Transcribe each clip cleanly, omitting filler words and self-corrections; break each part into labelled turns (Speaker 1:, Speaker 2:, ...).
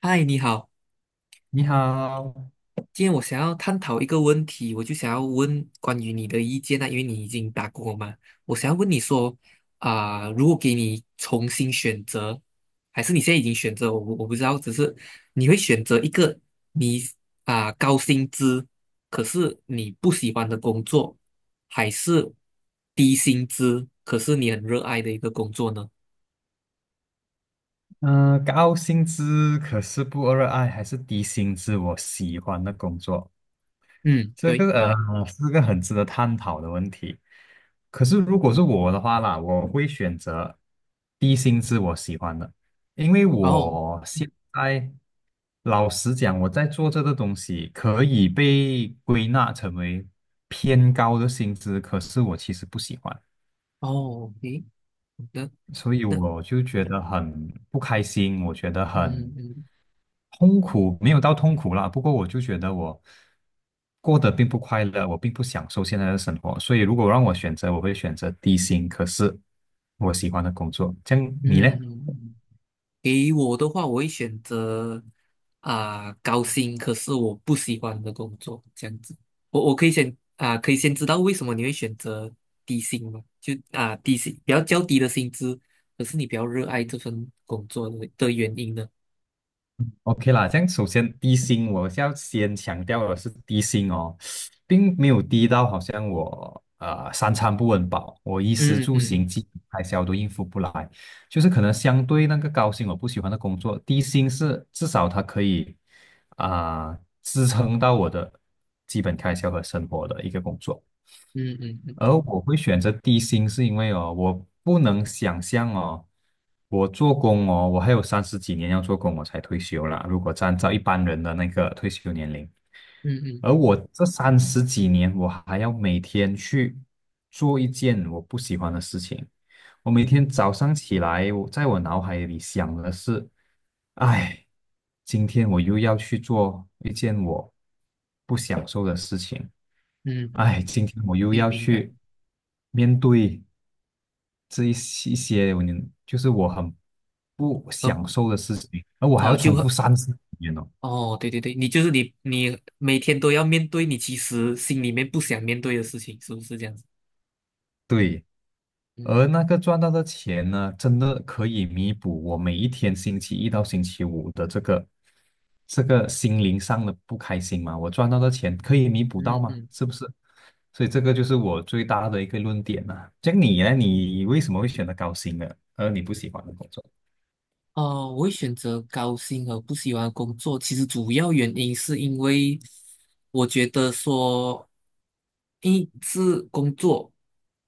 Speaker 1: 嗨，你好，
Speaker 2: 你好，
Speaker 1: 今天我想要探讨一个问题，我就想要问关于你的意见啊，因为你已经打工了嘛，我想要问你说如果给你重新选择，还是你现在已经选择，我不知道，只是你会选择一个你高薪资，可是你不喜欢的工作，还是低薪资，可是你很热爱的一个工作呢？
Speaker 2: 嗯、高薪资可是不热爱，还是低薪资我喜欢的工作？
Speaker 1: 嗯，
Speaker 2: 这
Speaker 1: 对。
Speaker 2: 个是个很值得探讨的问题。可是如果是我的话啦，我会选择低薪资我喜欢的，因为
Speaker 1: 哦
Speaker 2: 我现在老实讲，我在做这个东西可以被归纳成为偏高的薪资，可是我其实不喜欢。
Speaker 1: 哦，诶，好的。
Speaker 2: 所以
Speaker 1: 那
Speaker 2: 我就觉得很不开心，我觉得
Speaker 1: 嗯
Speaker 2: 很
Speaker 1: 嗯
Speaker 2: 痛苦没有到痛苦啦，不过我就觉得我过得并不快乐，我并不享受现在的生活，所以如果让我选择，我会选择低薪，可是我喜欢的工作。这样你呢？
Speaker 1: 嗯嗯。嗯，给我的话，我会选择高薪，可是我不喜欢的工作，这样子。我可以先知道为什么你会选择低薪吗？就低薪较低的薪资，可是你比较热爱这份工作的原因呢？
Speaker 2: OK 啦，这样首先低薪，我是要先强调的是低薪哦，并没有低到好像我三餐不温饱，我衣食
Speaker 1: 嗯
Speaker 2: 住行
Speaker 1: 嗯
Speaker 2: 基本开销都应付不来，就是可能相对那个高薪我不喜欢的工作，低薪是至少它可以支撑到我的基本开销和生活的一个工作。
Speaker 1: 嗯嗯嗯
Speaker 2: 而我会选择低薪，是因为哦，我不能想象哦，我做工哦，我还有三十几年要做工，我才退休啦。如果按照一般人的那个退休年龄，
Speaker 1: 嗯嗯
Speaker 2: 而我这三十几年，我还要每天去做一件我不喜欢的事情。我每天
Speaker 1: 嗯
Speaker 2: 早上起来，我在我脑海里想的是，哎，今天我又要去做一件我不享受的事情。
Speaker 1: 嗯嗯，
Speaker 2: 哎，今天我又
Speaker 1: 可以
Speaker 2: 要
Speaker 1: 明白。
Speaker 2: 去面对这一些就是我很不
Speaker 1: 呃
Speaker 2: 享受的事情，而我还
Speaker 1: 哦，
Speaker 2: 要
Speaker 1: 就
Speaker 2: 重
Speaker 1: 很
Speaker 2: 复三十几年哦。
Speaker 1: 哦，对对对，你就是你每天都要面对你其实心里面不想面对的事情，是不是这样子？
Speaker 2: 对，而
Speaker 1: 嗯
Speaker 2: 那个赚到的钱呢，真的可以弥补我每一天星期一到星期五的这个心灵上的不开心吗？我赚到的钱可以弥补到
Speaker 1: 嗯
Speaker 2: 吗？
Speaker 1: 嗯。
Speaker 2: 是不是？所以这个就是我最大的一个论点呐。这样你呢？你为什么会选择高薪的，而你不喜欢的工作？
Speaker 1: 呃，我会选择高薪和不喜欢的工作。其实主要原因是因为我觉得说，一是工作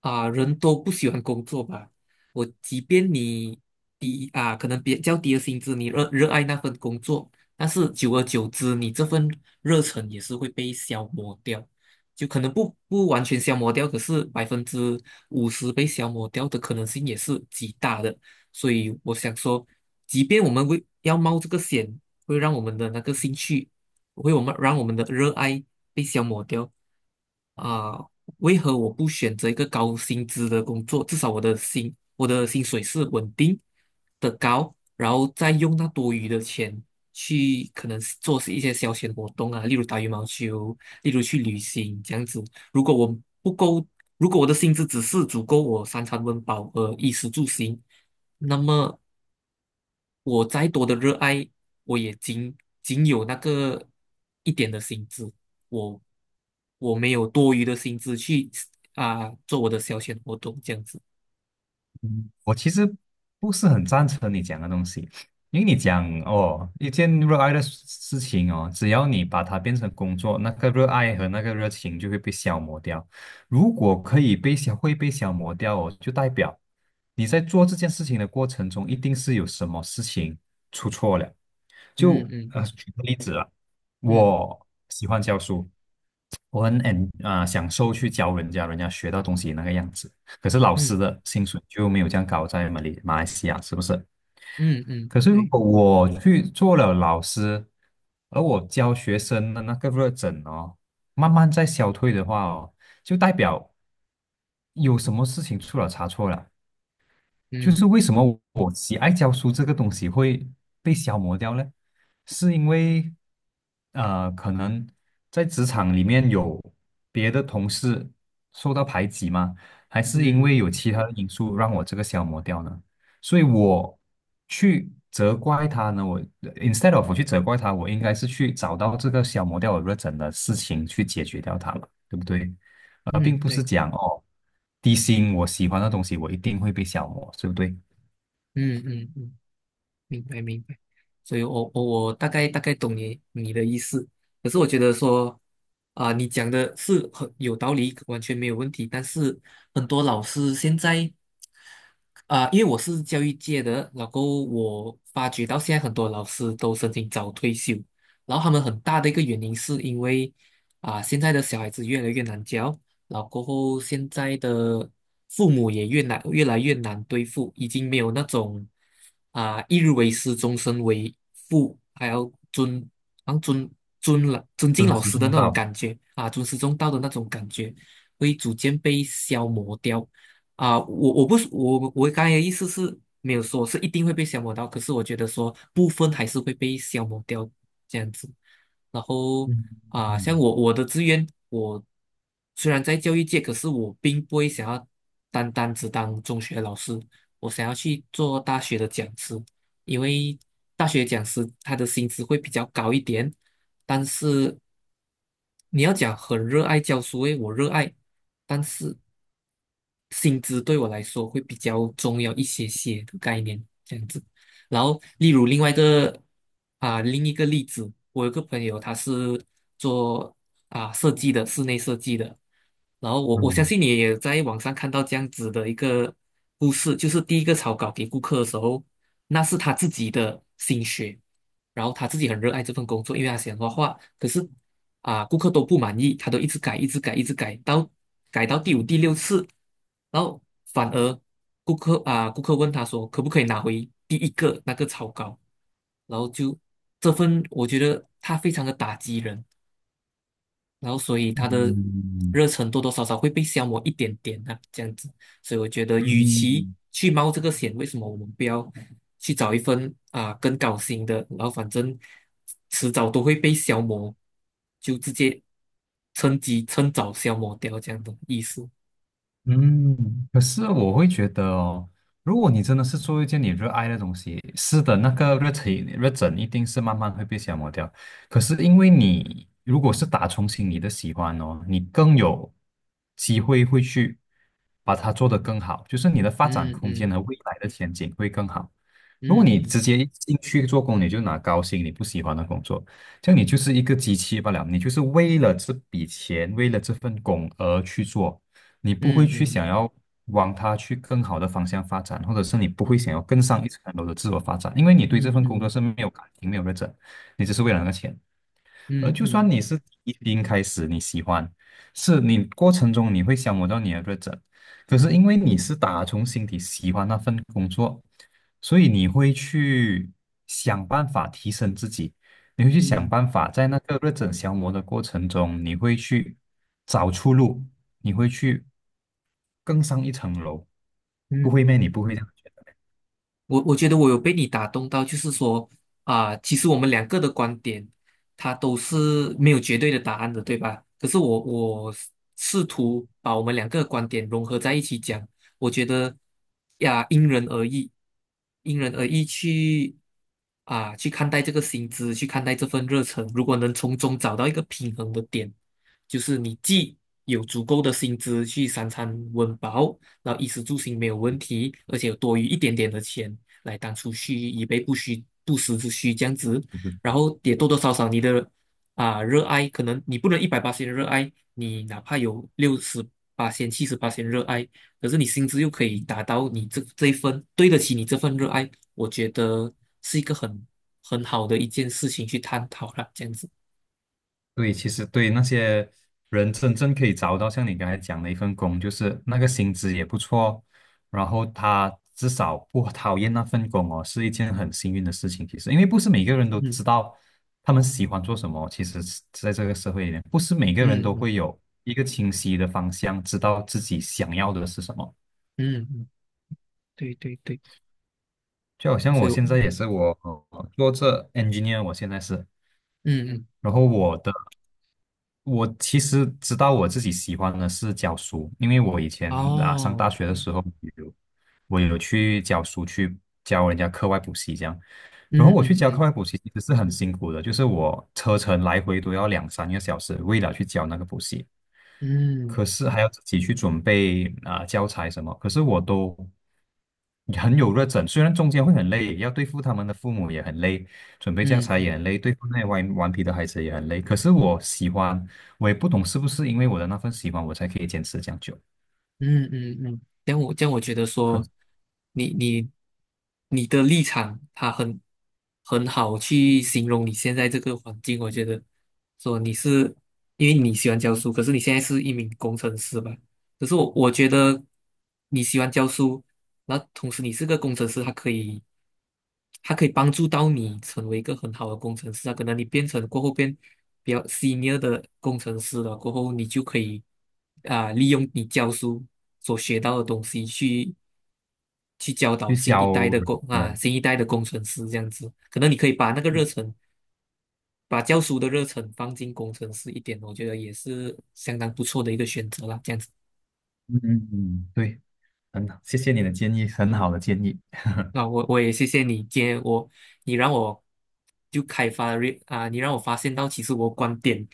Speaker 1: 人都不喜欢工作吧。我即便你低啊，可能比较低的薪资，你热爱那份工作，但是久而久之，你这份热忱也是会被消磨掉。就可能不完全消磨掉，可是50%被消磨掉的可能性也是极大的。所以我想说，即便我们为要冒这个险，会让我们的那个兴趣，会我们让我们的热爱被消磨掉，啊、为何我不选择一个高薪资的工作？至少我的薪水是稳定的高，然后再用那多余的钱去可能做一些消遣活动啊，例如打羽毛球，例如去旅行这样子。如果我不够，如果我的薪资只是足够我三餐温饱和衣食住行，那么我再多的热爱，我也仅仅有那个一点的薪资，我我没有多余的薪资去做我的消遣活动这样子。
Speaker 2: 我其实不是很赞成你讲的东西，因为你讲哦，一件热爱的事情哦，只要你把它变成工作，那个热爱和那个热情就会被消磨掉。如果可以被消，会被消磨掉哦，就代表你在做这件事情的过程中，一定是有什么事情出错了。
Speaker 1: 嗯
Speaker 2: 就
Speaker 1: 嗯
Speaker 2: 举个例子啊，
Speaker 1: 嗯
Speaker 2: 我喜欢教书，我很 享受去教人家，人家学到东西那个样子。可是老师
Speaker 1: 嗯
Speaker 2: 的薪水就没有这样高，在马来西亚是不是？
Speaker 1: 嗯嗯，
Speaker 2: 可是如
Speaker 1: 对。
Speaker 2: 果我去做了老师，而我教学生的那个热忱哦，慢慢在消退的话哦，就代表有什么事情出了差错了。就
Speaker 1: 嗯
Speaker 2: 是为什么我喜爱教书这个东西会被消磨掉呢？是因为，可能在职场里面有别的同事受到排挤吗？还是因为
Speaker 1: 嗯
Speaker 2: 有其他的因素让我这个消磨掉呢？所以我去责怪他呢，instead of 我去责怪他，我应该是去找到这个消磨掉我热忱的事情去解决掉它了，对不对？
Speaker 1: 嗯，
Speaker 2: 并不是
Speaker 1: 对。
Speaker 2: 讲哦，低薪我喜欢的东西，我一定会被消磨，对不对？
Speaker 1: 嗯嗯嗯，明白明白。所以我大概大概懂你的意思，可是我觉得说。啊，你讲的是很有道理，完全没有问题。但是很多老师现在因为我是教育界的，然后我发觉到现在很多老师都申请早退休，然后他们很大的一个原因是因为现在的小孩子越来越难教，然后过后现在的父母也越来越难对付，已经没有那种一日为师，终身为父，还要尊，啊，尊尊老尊敬
Speaker 2: 尊
Speaker 1: 老
Speaker 2: 师
Speaker 1: 师的
Speaker 2: 重
Speaker 1: 那种
Speaker 2: 到。
Speaker 1: 感觉啊，尊师重道的那种感觉，会逐渐被消磨掉。我不是我刚才的意思是没有说是一定会被消磨到，可是我觉得说部分还是会被消磨掉这样子。然后
Speaker 2: 嗯
Speaker 1: 啊，像
Speaker 2: 嗯
Speaker 1: 我的志愿，我虽然在教育界，可是我并不会想要单单只当中学老师，我想要去做大学的讲师，因为大学讲师他的薪资会比较高一点，但是你要讲很热爱教书，诶，我热爱。但是薪资对我来说会比较重要一些些的概念，这样子。然后，例如另一个例子，我有个朋友他是做设计的，室内设计的。然后我相
Speaker 2: 嗯
Speaker 1: 信你也在网上看到这样子的一个故事，就是第一个草稿给顾客的时候，那是他自己的心血，然后他自己很热爱这份工作，因为他喜欢画画。可是啊，顾客都不满意，他都一直改，一直改，一直改，改到第五、第六次，然后反而顾客问他说，可不可以拿回第一个那个草稿？然后就这份，我觉得他非常的打击人，然后，所以他的
Speaker 2: 嗯
Speaker 1: 热忱多多少少会被消磨一点点啊，这样子。所以我觉得，与
Speaker 2: 嗯
Speaker 1: 其
Speaker 2: 嗯。
Speaker 1: 去冒这个险，为什么我们不要去找一份啊更高兴的？然后反正迟早都会被消磨，就直接趁机趁早消磨掉这样的意思。
Speaker 2: 嗯，可是我会觉得哦，如果你真的是做一件你热爱的东西，是的，那个热情热忱一定是慢慢会被消磨掉。可是因为你如果是打从心里的喜欢哦，你更有机会会去把它做得更好，就是你的发展
Speaker 1: 嗯
Speaker 2: 空间
Speaker 1: 嗯
Speaker 2: 和未来的前景会更好。如果
Speaker 1: 嗯
Speaker 2: 你
Speaker 1: 嗯
Speaker 2: 直接一进去做工，你就拿高薪你不喜欢的工作，这样你就是一个机器罢了，你就是为了这笔钱，为了这份工而去做。你不会
Speaker 1: 嗯
Speaker 2: 去
Speaker 1: 嗯
Speaker 2: 想要往它去更好的方向发展，或者是你不会想
Speaker 1: 嗯
Speaker 2: 要更上一层楼的自我发展，因为你对这份工作
Speaker 1: 嗯
Speaker 2: 是没有感情、没有热忱，你只是为了那个钱。而就算
Speaker 1: 嗯
Speaker 2: 你是一零开始你喜欢，是你过程中你会消磨到你的热忱，可是因为你是打从心底喜欢那份工作，所以你会去想办法提升自己。你会去想
Speaker 1: 嗯
Speaker 2: 办法，在那个热忱消磨的过程中，你会去找出路，你会去更上一层楼。
Speaker 1: 嗯
Speaker 2: 不会咩？你
Speaker 1: 嗯。
Speaker 2: 不会这样觉得？
Speaker 1: 我觉得我有被你打动到，就是说其实我们两个的观点，它都是没有绝对的答案的，对吧？可是我试图把我们两个的观点融合在一起讲，我觉得呀，因人而异，因人而异去看待这个薪资，去看待这份热忱，如果能从中找到一个平衡的点，就是你既有足够的薪资去三餐温饱。然后衣食住行没有问题，而且有多余一点点的钱，来当储蓄，以备不时之需这样子。
Speaker 2: 嗯
Speaker 1: 然后也多多少少你的热爱，可能你不能180热爱，你哪怕有68,000、78,000热爱，可是你薪资又可以达到你这一份对得起你这份热爱，我觉得是一个很好的一件事情去探讨了，这样子。
Speaker 2: 对，其实对那些人真正可以找到像你刚才讲的一份工，就是那个薪资也不错，然后他至少不讨厌那份工哦，是一件很幸运的事情。其实，因为不是每个人都
Speaker 1: 嗯
Speaker 2: 知道他们喜欢做什么。其实是在这个社会里面，不是每个人
Speaker 1: 嗯
Speaker 2: 都
Speaker 1: 嗯
Speaker 2: 会有一个清晰的方向，知道自己想要的是什么。
Speaker 1: 嗯嗯，对对对，
Speaker 2: 就好像
Speaker 1: 所
Speaker 2: 我
Speaker 1: 以我
Speaker 2: 现在也是做这 engineer，我现在是，
Speaker 1: 嗯嗯
Speaker 2: 然后我的。我其实知道我自己喜欢的是教书，因为我以前上
Speaker 1: 哦，
Speaker 2: 大学的
Speaker 1: 对
Speaker 2: 时候有我有去教书，去教人家课外补习这样。然后
Speaker 1: 嗯
Speaker 2: 我去教课
Speaker 1: 嗯
Speaker 2: 外补习其实是很辛苦的，就是我车程来回都要两三个小时，为了去教那个补习。
Speaker 1: 嗯嗯嗯。
Speaker 2: 可是还要自己去准备教材什么，可是我都很有热忱，虽然中间会很累，要对付他们的父母也很累，准备教材
Speaker 1: 嗯
Speaker 2: 也很累，对付那些顽皮的孩子也很累。可是我喜欢，我也不懂是不是因为我的那份喜欢，我才可以坚持这样久。
Speaker 1: 嗯嗯嗯，这样我觉得说，
Speaker 2: 可
Speaker 1: 你你你的立场，他很好去形容你现在这个环境。我觉得说你是因为你喜欢教书，可是你现在是一名工程师吧？可是我觉得你喜欢教书，那同时你是个工程师，他可以帮助到你成为一个很好的工程师啊。可能你过后变比较 senior 的工程师了，过后你就可以利用你教书所学到的东西去教导
Speaker 2: 去教嗯
Speaker 1: 新一代的工程师这样子。可能你可以把那个热忱，把教书的热忱放进工程师一点，我觉得也是相当不错的一个选择啦。这样子，
Speaker 2: 嗯嗯，对，很好，谢谢你的建议，很好的建议。
Speaker 1: 那我也谢谢你，今天你让我就开发了啊，你让我发现到其实我观点，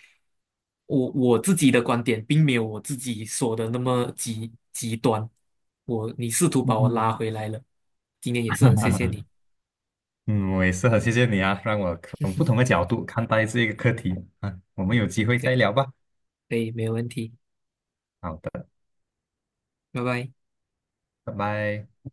Speaker 1: 我自己的观点并没有我自己说的那么极端，你试图把我拉
Speaker 2: 嗯
Speaker 1: 回来了，今天也是很谢谢 你，
Speaker 2: 嗯，我也是很谢谢你啊，让我从不同的角度看待这个课题。啊。我们有
Speaker 1: 嗯
Speaker 2: 机
Speaker 1: 嗯，
Speaker 2: 会再
Speaker 1: 对，
Speaker 2: 聊吧。
Speaker 1: 可以，没有问题，
Speaker 2: 好的，
Speaker 1: 拜拜。
Speaker 2: 拜拜。